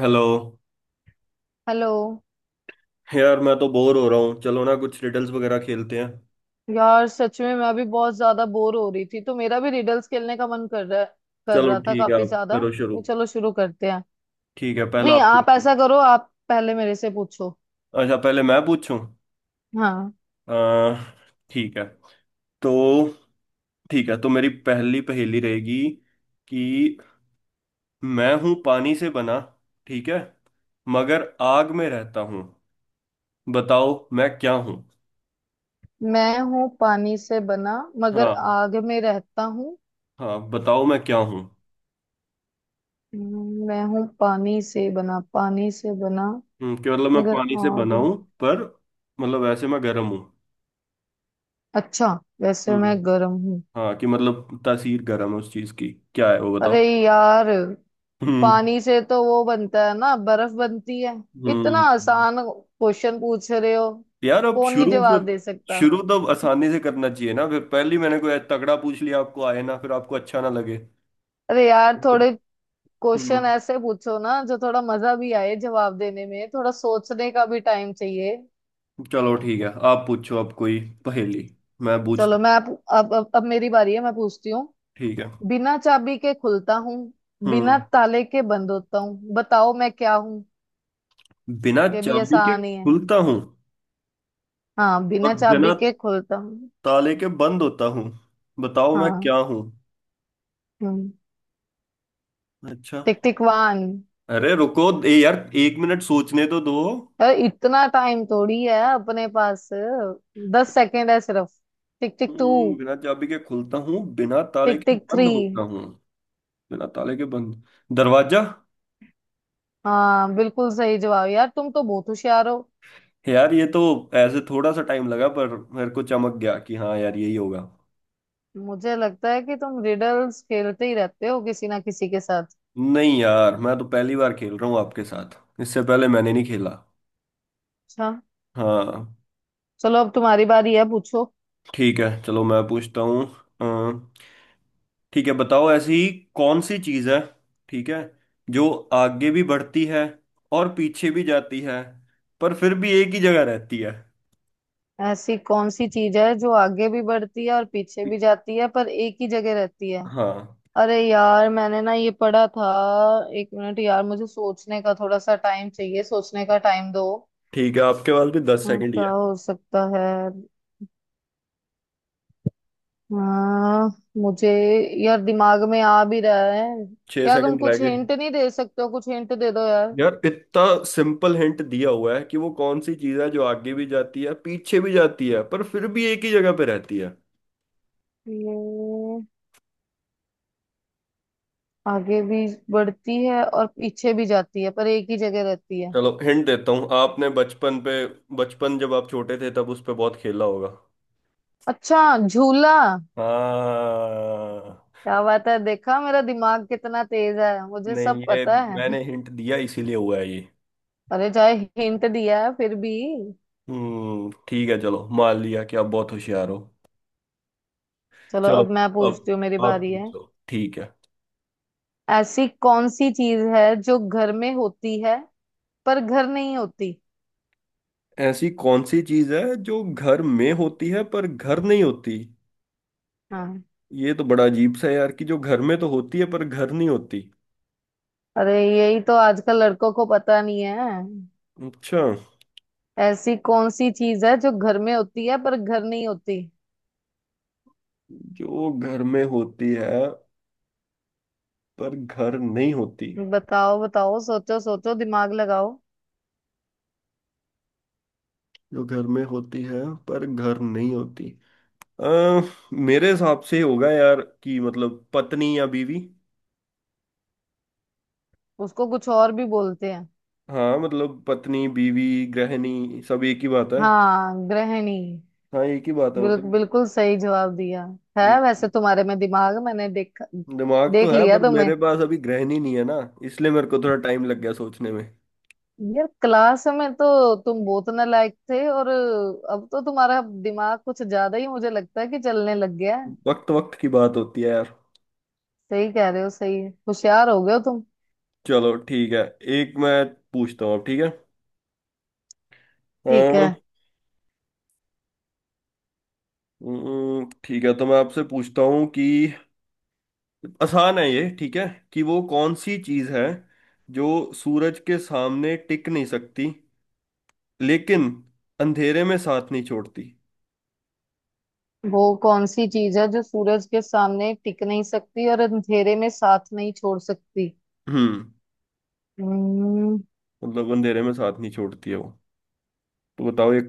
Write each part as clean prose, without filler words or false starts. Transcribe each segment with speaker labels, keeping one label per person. Speaker 1: Hello.
Speaker 2: Hello.
Speaker 1: यार मैं तो बोर हो रहा हूँ, चलो ना कुछ रिडल्स वगैरह खेलते हैं।
Speaker 2: यार सच में मैं अभी बहुत ज्यादा बोर हो रही थी, तो मेरा भी रिडल्स खेलने का मन कर रहा है, कर
Speaker 1: चलो
Speaker 2: रहा था
Speaker 1: ठीक है,
Speaker 2: काफी
Speaker 1: आप
Speaker 2: ज्यादा।
Speaker 1: करो शुरू।
Speaker 2: तो चलो शुरू करते हैं।
Speaker 1: ठीक है, पहला
Speaker 2: नहीं,
Speaker 1: आप
Speaker 2: आप
Speaker 1: पूछो।
Speaker 2: ऐसा करो, आप पहले मेरे से पूछो।
Speaker 1: अच्छा, पहले मैं पूछूं?
Speaker 2: हाँ।
Speaker 1: अह, ठीक है। तो ठीक है, तो मेरी पहली पहेली रहेगी कि मैं हूँ पानी से बना, ठीक है, मगर आग में रहता हूँ। बताओ मैं क्या हूँ।
Speaker 2: मैं हूँ पानी से बना, मगर
Speaker 1: हाँ।
Speaker 2: आग में रहता हूँ।
Speaker 1: हाँ, बताओ मैं क्या हूँ।
Speaker 2: मैं हूँ पानी से बना, पानी से बना
Speaker 1: कि मतलब मैं
Speaker 2: मगर
Speaker 1: पानी से बना
Speaker 2: आग।
Speaker 1: हूँ, पर मतलब वैसे मैं गर्म हूँ।
Speaker 2: अच्छा, वैसे मैं
Speaker 1: हम्म।
Speaker 2: गर्म हूँ।
Speaker 1: हाँ, कि मतलब तासीर गर्म है उस चीज की। क्या है वो
Speaker 2: अरे
Speaker 1: बताओ।
Speaker 2: यार,
Speaker 1: हम्म।
Speaker 2: पानी से तो वो बनता है ना, बर्फ बनती है। इतना
Speaker 1: हम्म।
Speaker 2: आसान क्वेश्चन पूछ रहे हो,
Speaker 1: यार, अब
Speaker 2: कौन नहीं
Speaker 1: शुरू
Speaker 2: जवाब
Speaker 1: फिर।
Speaker 2: दे सकता।
Speaker 1: शुरू तो आसानी से करना चाहिए ना, फिर पहले ही मैंने कोई तगड़ा पूछ लिया, आपको आए ना, फिर आपको अच्छा ना लगे।
Speaker 2: अरे यार,
Speaker 1: तो,
Speaker 2: थोड़े
Speaker 1: हम्म।
Speaker 2: क्वेश्चन ऐसे पूछो ना जो थोड़ा मजा भी आए जवाब देने में, थोड़ा सोचने का भी टाइम चाहिए।
Speaker 1: चलो ठीक है, आप पूछो अब कोई पहेली, मैं पूछता
Speaker 2: चलो,
Speaker 1: हूँ।
Speaker 2: मैं अब मेरी बारी है, मैं पूछती हूँ।
Speaker 1: ठीक है।
Speaker 2: बिना चाबी के खुलता हूँ, बिना
Speaker 1: हम्म।
Speaker 2: ताले के बंद होता हूँ, बताओ मैं क्या हूँ।
Speaker 1: बिना
Speaker 2: ये भी
Speaker 1: चाबी के
Speaker 2: आसान ही है।
Speaker 1: खुलता हूँ,
Speaker 2: हाँ, बिना
Speaker 1: और बिना
Speaker 2: चाबी के खुलता हूँ।
Speaker 1: ताले के बंद होता हूँ, बताओ मैं
Speaker 2: हाँ।
Speaker 1: क्या हूँ।
Speaker 2: हम्म।
Speaker 1: अच्छा।
Speaker 2: टिकटिकवान।
Speaker 1: अरे रुको ए यार, एक मिनट सोचने तो दो।
Speaker 2: अरे इतना टाइम थोड़ी है अपने पास, दस सेकेंड है सिर्फ। टिक टिक टू।
Speaker 1: बिना चाबी के खुलता हूँ, बिना ताले
Speaker 2: टिक
Speaker 1: के
Speaker 2: टिक
Speaker 1: बंद
Speaker 2: थ्री।
Speaker 1: होता हूँ, बिना ताले के बंद, दरवाजा।
Speaker 2: हाँ, बिल्कुल सही जवाब। यार तुम तो बहुत होशियार हो।
Speaker 1: यार ये तो ऐसे थोड़ा सा टाइम लगा, पर मेरे को चमक गया कि हाँ यार, यही होगा।
Speaker 2: मुझे लगता है कि तुम रिडल्स खेलते ही रहते हो किसी ना किसी के साथ।
Speaker 1: नहीं यार, मैं तो पहली बार खेल रहा हूँ आपके साथ, इससे पहले मैंने नहीं खेला।
Speaker 2: अच्छा।
Speaker 1: हाँ।
Speaker 2: चलो अब तुम्हारी बारी है, पूछो।
Speaker 1: ठीक है चलो, मैं पूछता हूँ। अम, ठीक है, बताओ ऐसी कौन सी चीज़ है, ठीक है, जो आगे भी बढ़ती है और पीछे भी जाती है, पर फिर भी एक ही जगह रहती है।
Speaker 2: ऐसी कौन सी चीज है जो आगे भी बढ़ती है और पीछे भी जाती है पर एक ही जगह रहती है।
Speaker 1: हाँ।
Speaker 2: अरे यार, मैंने ना ये पढ़ा था। एक मिनट यार, मुझे सोचने का थोड़ा सा टाइम चाहिए, सोचने का टाइम दो।
Speaker 1: ठीक है, आपके पास भी दस
Speaker 2: हाँ,
Speaker 1: सेकंड ही
Speaker 2: क्या
Speaker 1: है।
Speaker 2: हो सकता है। हाँ, मुझे, यार दिमाग में आ भी रहा है।
Speaker 1: छह
Speaker 2: यार तुम
Speaker 1: सेकंड रह
Speaker 2: कुछ
Speaker 1: गए।
Speaker 2: हिंट नहीं दे सकते हो? कुछ हिंट दे दो यार।
Speaker 1: यार, इतना सिंपल हिंट दिया हुआ है कि वो कौन सी चीज है जो आगे भी जाती है, पीछे भी जाती है, पर फिर भी एक ही जगह पे रहती है।
Speaker 2: ये आगे भी बढ़ती है और पीछे भी जाती है पर एक ही जगह रहती है।
Speaker 1: चलो हिंट देता हूँ, आपने बचपन पे, बचपन जब आप छोटे थे तब उस पे बहुत खेला होगा।
Speaker 2: अच्छा। झूला।
Speaker 1: हाँ।
Speaker 2: क्या बात है, देखा मेरा दिमाग कितना तेज है, मुझे सब
Speaker 1: नहीं ये,
Speaker 2: पता है।
Speaker 1: मैंने हिंट दिया इसीलिए हुआ है ये।
Speaker 2: अरे चाहे हिंट दिया है फिर भी।
Speaker 1: हम्म। ठीक है चलो, मान लिया कि आप बहुत होशियार हो।
Speaker 2: चलो
Speaker 1: चलो
Speaker 2: अब मैं
Speaker 1: अब
Speaker 2: पूछती हूँ, मेरी
Speaker 1: आप
Speaker 2: बारी है।
Speaker 1: पूछो, ठीक है।
Speaker 2: ऐसी कौन सी चीज है जो घर में होती है पर घर नहीं होती।
Speaker 1: ऐसी कौन सी चीज है जो घर में होती है पर घर नहीं होती?
Speaker 2: हाँ।
Speaker 1: ये तो बड़ा अजीब सा है यार, कि जो घर में तो होती है पर घर नहीं होती।
Speaker 2: अरे यही तो आजकल लड़कों को पता नहीं है।
Speaker 1: अच्छा।
Speaker 2: ऐसी कौन सी चीज है जो घर में होती है पर घर नहीं होती।
Speaker 1: जो घर में होती है पर घर नहीं होती,
Speaker 2: बताओ बताओ, सोचो सोचो, दिमाग लगाओ।
Speaker 1: जो घर में होती है पर घर नहीं होती। अ, मेरे हिसाब से होगा यार, कि मतलब पत्नी या बीवी।
Speaker 2: उसको कुछ और भी बोलते हैं।
Speaker 1: हाँ मतलब, पत्नी, बीवी, गृहिणी, सब एक ही बात है।
Speaker 2: हाँ, गृहिणी।
Speaker 1: हाँ, एक ही बात है वो
Speaker 2: बिल,
Speaker 1: तो।
Speaker 2: बिल्कुल सही जवाब दिया है, वैसे
Speaker 1: हम्म।
Speaker 2: तुम्हारे में दिमाग मैंने देख,
Speaker 1: दिमाग तो
Speaker 2: देख
Speaker 1: है,
Speaker 2: लिया
Speaker 1: पर
Speaker 2: तुम्हें।
Speaker 1: मेरे पास अभी ग्रहण ही नहीं है ना, इसलिए मेरे को थोड़ा टाइम लग गया सोचने में।
Speaker 2: यार क्लास में तो तुम बहुत नालायक थे, और अब तो तुम्हारा दिमाग कुछ ज्यादा ही मुझे लगता है कि चलने लग गया है।
Speaker 1: वक्त वक्त की बात होती है यार।
Speaker 2: सही कह रहे हो, सही है, होशियार हो गए हो तुम।
Speaker 1: चलो ठीक है, एक मैं पूछता हूँ अब, ठीक है।
Speaker 2: ठीक है।
Speaker 1: हाँ। ठीक है, तो मैं आपसे पूछता हूँ कि आसान है ये, ठीक है, कि वो कौन सी चीज़ है जो सूरज के सामने टिक नहीं सकती, लेकिन अंधेरे में साथ नहीं छोड़ती।
Speaker 2: वो कौन सी चीज है जो सूरज के सामने टिक नहीं सकती और अंधेरे में साथ नहीं छोड़ सकती।
Speaker 1: हम्म।
Speaker 2: हम्म,
Speaker 1: मतलब अंधेरे में साथ नहीं छोड़ती है वो, तो बताओ ये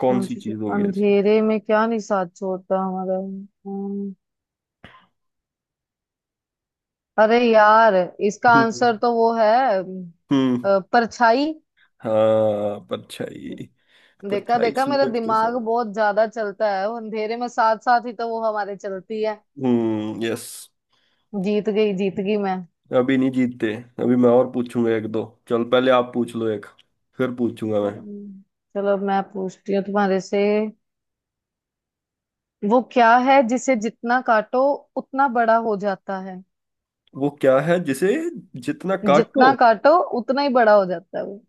Speaker 1: कौन
Speaker 2: कौन
Speaker 1: सी
Speaker 2: सी चीज
Speaker 1: चीज़ होगी ऐसी।
Speaker 2: अंधेरे में क्या नहीं साथ छोड़ता हमारा? अरे यार, इसका
Speaker 1: हम्म।
Speaker 2: आंसर तो वो है। अम,
Speaker 1: हम्म।
Speaker 2: परछाई।
Speaker 1: हाँ परछाई,
Speaker 2: देखा
Speaker 1: परछाई
Speaker 2: देखा, मेरा
Speaker 1: सूरज के
Speaker 2: दिमाग
Speaker 1: साथ।
Speaker 2: बहुत ज्यादा चलता है, वो अंधेरे में साथ साथ ही तो वो हमारे चलती है।
Speaker 1: हम्म, यस।
Speaker 2: जीत गई मैं।
Speaker 1: अभी नहीं जीतते, अभी मैं और पूछूंगा एक दो। चल पहले आप पूछ लो एक, फिर पूछूंगा मैं।
Speaker 2: हम्म। चलो अब मैं पूछती हूँ तुम्हारे से। वो क्या है जिसे जितना काटो उतना बड़ा हो जाता है।
Speaker 1: वो क्या है जिसे जितना काटो,
Speaker 2: जितना काटो उतना ही बड़ा हो जाता है वो।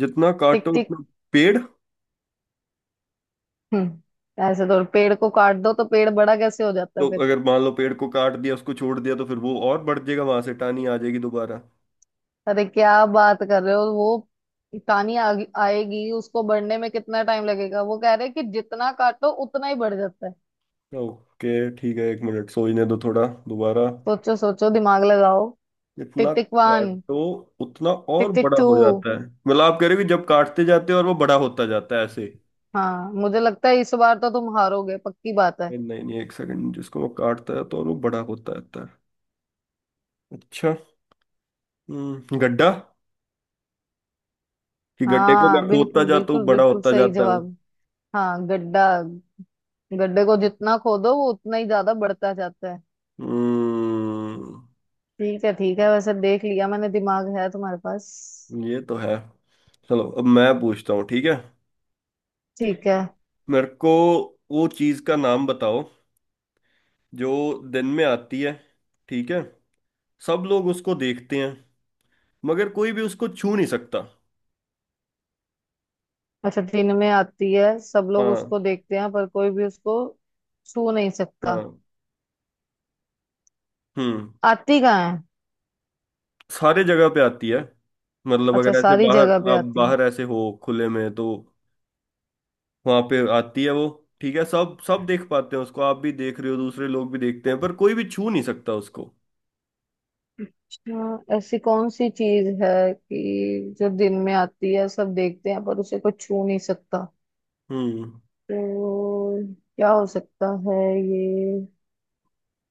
Speaker 1: जितना
Speaker 2: टिक
Speaker 1: काटो
Speaker 2: टिक।
Speaker 1: उतना, पेड़।
Speaker 2: हम्म, ऐसे तो पेड़ को काट दो तो पेड़ बड़ा कैसे हो जाता है
Speaker 1: तो
Speaker 2: फिर।
Speaker 1: अगर मान लो पेड़ को काट दिया, उसको छोड़ दिया, तो फिर वो और बढ़ जाएगा, वहां से टानी आ जाएगी दोबारा।
Speaker 2: अरे क्या बात कर रहे हो वो। कहानी आ, आएगी, उसको बढ़ने में कितना टाइम लगेगा। वो कह रहे हैं कि जितना काटो उतना ही बढ़ जाता है।
Speaker 1: ओके ठीक है, एक मिनट सोचने दो थोड़ा दोबारा।
Speaker 2: सोचो सोचो, दिमाग लगाओ।
Speaker 1: जितना
Speaker 2: टिक टिक वन।
Speaker 1: काटो उतना
Speaker 2: टिक
Speaker 1: और
Speaker 2: टिक
Speaker 1: बड़ा
Speaker 2: टू।
Speaker 1: हो जाता है, मतलब आप कह रहे हो कि जब काटते जाते हो और वो बड़ा होता जाता है ऐसे।
Speaker 2: हाँ मुझे लगता है इस बार तो तुम हारोगे, पक्की बात है।
Speaker 1: नहीं नहीं नहीं, एक सेकंड, जिसको वो काटता है तो और वो बड़ा होता जाता है। अच्छा। गड्ढा। कि गड्ढे को मैं
Speaker 2: हाँ,
Speaker 1: खोदता
Speaker 2: बिल्कुल
Speaker 1: जाता हूँ,
Speaker 2: बिल्कुल
Speaker 1: बड़ा
Speaker 2: बिल्कुल
Speaker 1: होता
Speaker 2: सही
Speaker 1: जाता है वो।
Speaker 2: जवाब। हाँ, गड्ढा। गड्ढे को जितना खोदो वो उतना ही ज्यादा बढ़ता जाता है।
Speaker 1: हम्म।
Speaker 2: ठीक है ठीक है, वैसे देख लिया मैंने, दिमाग है तुम्हारे पास।
Speaker 1: ये तो है। चलो अब मैं पूछता हूँ, ठीक है।
Speaker 2: ठीक है।
Speaker 1: मेरे को वो चीज का नाम बताओ जो दिन में आती है, ठीक है, सब लोग उसको देखते हैं, मगर कोई भी उसको छू नहीं सकता।
Speaker 2: अच्छा, दिन में आती है, सब लोग
Speaker 1: हाँ।
Speaker 2: उसको देखते हैं, पर कोई भी उसको छू नहीं सकता।
Speaker 1: हाँ। हम्म।
Speaker 2: आती कहाँ है?
Speaker 1: सारे जगह पे आती है, मतलब
Speaker 2: अच्छा,
Speaker 1: अगर ऐसे
Speaker 2: सारी
Speaker 1: बाहर,
Speaker 2: जगह पे
Speaker 1: आप
Speaker 2: आती है।
Speaker 1: बाहर ऐसे हो खुले में, तो वहां पे आती है वो। ठीक है, सब सब देख पाते हैं उसको, आप भी देख रहे हो, दूसरे लोग भी देखते हैं, पर कोई भी छू नहीं सकता उसको।
Speaker 2: अच्छा, ऐसी कौन सी चीज है कि जो दिन में आती है, सब देखते हैं पर उसे कोई छू नहीं सकता।
Speaker 1: हम्म।
Speaker 2: तो क्या हो सकता है ये?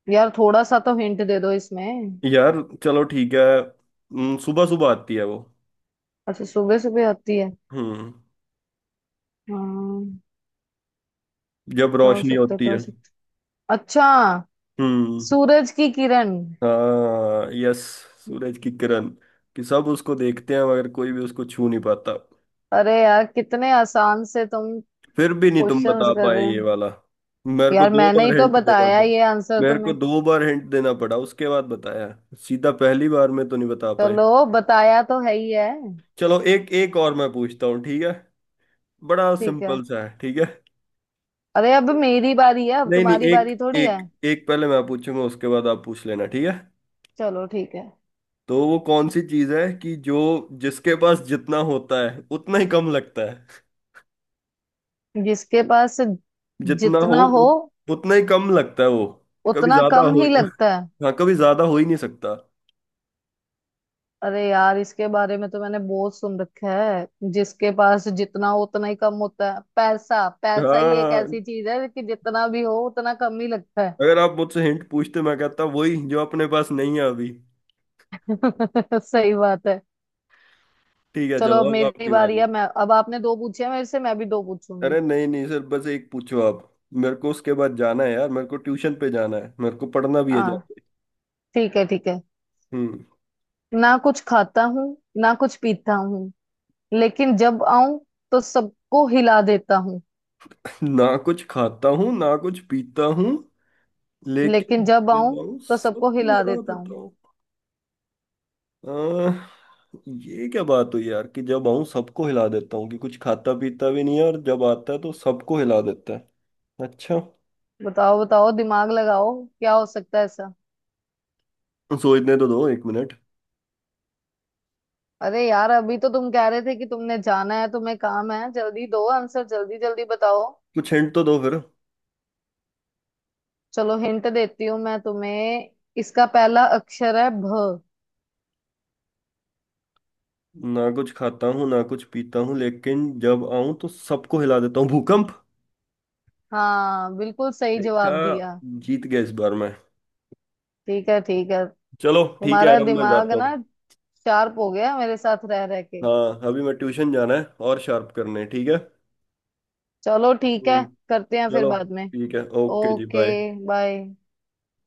Speaker 2: यार थोड़ा सा तो हिंट दे दो इसमें।
Speaker 1: यार चलो ठीक है। सुबह सुबह आती है वो।
Speaker 2: अच्छा, सुबह सुबह आती है।
Speaker 1: हम्म।
Speaker 2: हाँ,
Speaker 1: जब
Speaker 2: क्या हो
Speaker 1: रोशनी
Speaker 2: सकता है,
Speaker 1: होती
Speaker 2: क्या हो
Speaker 1: है।
Speaker 2: सकता है? अच्छा,
Speaker 1: हम्म।
Speaker 2: सूरज की किरण।
Speaker 1: हाँ, यस, सूरज की किरण, कि सब उसको देखते हैं मगर कोई भी उसको छू नहीं पाता।
Speaker 2: अरे यार कितने आसान से तुम
Speaker 1: फिर भी नहीं तुम
Speaker 2: क्वेश्चंस
Speaker 1: बता
Speaker 2: कर
Speaker 1: पाए
Speaker 2: रहे हो।
Speaker 1: ये वाला। मेरे को
Speaker 2: यार
Speaker 1: दो
Speaker 2: मैंने ही
Speaker 1: बार
Speaker 2: तो
Speaker 1: हिंट देना
Speaker 2: बताया
Speaker 1: पड़ा।
Speaker 2: ये आंसर
Speaker 1: मेरे को
Speaker 2: तुम्हें।
Speaker 1: दो बार हिंट देना पड़ा उसके बाद बताया, सीधा पहली बार में तो नहीं बता पाए।
Speaker 2: चलो, बताया तो है ही है।
Speaker 1: चलो एक, एक और मैं पूछता हूँ, ठीक है, बड़ा
Speaker 2: ठीक है।
Speaker 1: सिंपल सा है, ठीक है।
Speaker 2: अरे अब मेरी बारी है, अब
Speaker 1: नहीं नहीं,
Speaker 2: तुम्हारी
Speaker 1: एक
Speaker 2: बारी थोड़ी है।
Speaker 1: एक एक पहले मैं पूछूंगा, उसके बाद आप पूछ लेना, ठीक है।
Speaker 2: चलो ठीक है।
Speaker 1: तो वो कौन सी चीज है कि जो, जिसके पास जितना होता है उतना ही कम लगता है।
Speaker 2: जिसके पास
Speaker 1: जितना हो
Speaker 2: जितना हो
Speaker 1: उतना ही कम लगता है वो। कभी
Speaker 2: उतना
Speaker 1: ज्यादा
Speaker 2: कम
Speaker 1: हो
Speaker 2: ही लगता है।
Speaker 1: हाँ, कभी ज्यादा हो ही नहीं सकता।
Speaker 2: अरे यार, इसके बारे में तो मैंने बहुत सुन रखा है। जिसके पास जितना हो उतना ही कम होता है, पैसा, पैसा ही एक
Speaker 1: हाँ,
Speaker 2: ऐसी चीज है कि जितना भी हो उतना कम ही लगता
Speaker 1: अगर आप मुझसे हिंट पूछते, मैं कहता वही जो अपने पास नहीं है अभी।
Speaker 2: है। सही बात है।
Speaker 1: ठीक है,
Speaker 2: चलो
Speaker 1: चलो
Speaker 2: अब
Speaker 1: अब
Speaker 2: मेरी
Speaker 1: आपकी
Speaker 2: बारी
Speaker 1: बारी।
Speaker 2: है, मैं अब, आपने दो पूछे हैं मेरे से, मैं भी दो पूछूंगी।
Speaker 1: अरे नहीं नहीं सर, बस एक पूछो आप, मेरे को उसके बाद जाना है यार, मेरे को ट्यूशन पे जाना है, मेरे को पढ़ना भी है
Speaker 2: हाँ।
Speaker 1: जाके।
Speaker 2: ठीक है ठीक है।
Speaker 1: हम्म।
Speaker 2: ना कुछ खाता हूँ, ना कुछ पीता हूँ, लेकिन जब आऊं तो सबको हिला देता हूँ।
Speaker 1: ना कुछ खाता हूँ, ना कुछ पीता हूँ,
Speaker 2: लेकिन
Speaker 1: लेकिन
Speaker 2: जब
Speaker 1: जब
Speaker 2: आऊं
Speaker 1: आऊँ
Speaker 2: तो सबको
Speaker 1: सबको
Speaker 2: हिला
Speaker 1: हिला
Speaker 2: देता
Speaker 1: देता
Speaker 2: हूँ।
Speaker 1: हूँ। अह, ये क्या बात हुई यार, कि जब आऊँ सबको हिला देता हूँ, कि कुछ खाता पीता भी नहीं है और जब आता है तो सबको हिला देता है। अच्छा।
Speaker 2: बताओ बताओ, दिमाग लगाओ, क्या हो सकता है ऐसा।
Speaker 1: सोचने तो दो एक मिनट।
Speaker 2: अरे यार, अभी तो तुम कह रहे थे कि तुमने जाना है, तुम्हें काम है, जल्दी दो आंसर, जल्दी जल्दी बताओ।
Speaker 1: कुछ हिंट तो दो फिर।
Speaker 2: चलो हिंट देती हूँ मैं तुम्हें। इसका पहला अक्षर है भ।
Speaker 1: ना कुछ खाता हूँ ना कुछ पीता हूँ, लेकिन जब आऊं तो सबको हिला देता हूँ, भूकंप।
Speaker 2: हाँ, बिल्कुल सही
Speaker 1: देखा,
Speaker 2: जवाब दिया।
Speaker 1: जीत गया इस बार मैं।
Speaker 2: ठीक है ठीक है।
Speaker 1: चलो ठीक है
Speaker 2: तुम्हारा
Speaker 1: यार, अब मैं
Speaker 2: दिमाग
Speaker 1: जाता हूँ।
Speaker 2: ना शार्प हो गया मेरे साथ रह रह के।
Speaker 1: हाँ, अभी मैं ट्यूशन जाना है और शार्प करने हैं, ठीक है।
Speaker 2: चलो ठीक है।
Speaker 1: हम्म,
Speaker 2: करते हैं फिर
Speaker 1: चलो
Speaker 2: बाद में।
Speaker 1: ठीक है, ओके जी,
Speaker 2: ओके,
Speaker 1: बाय।
Speaker 2: बाय।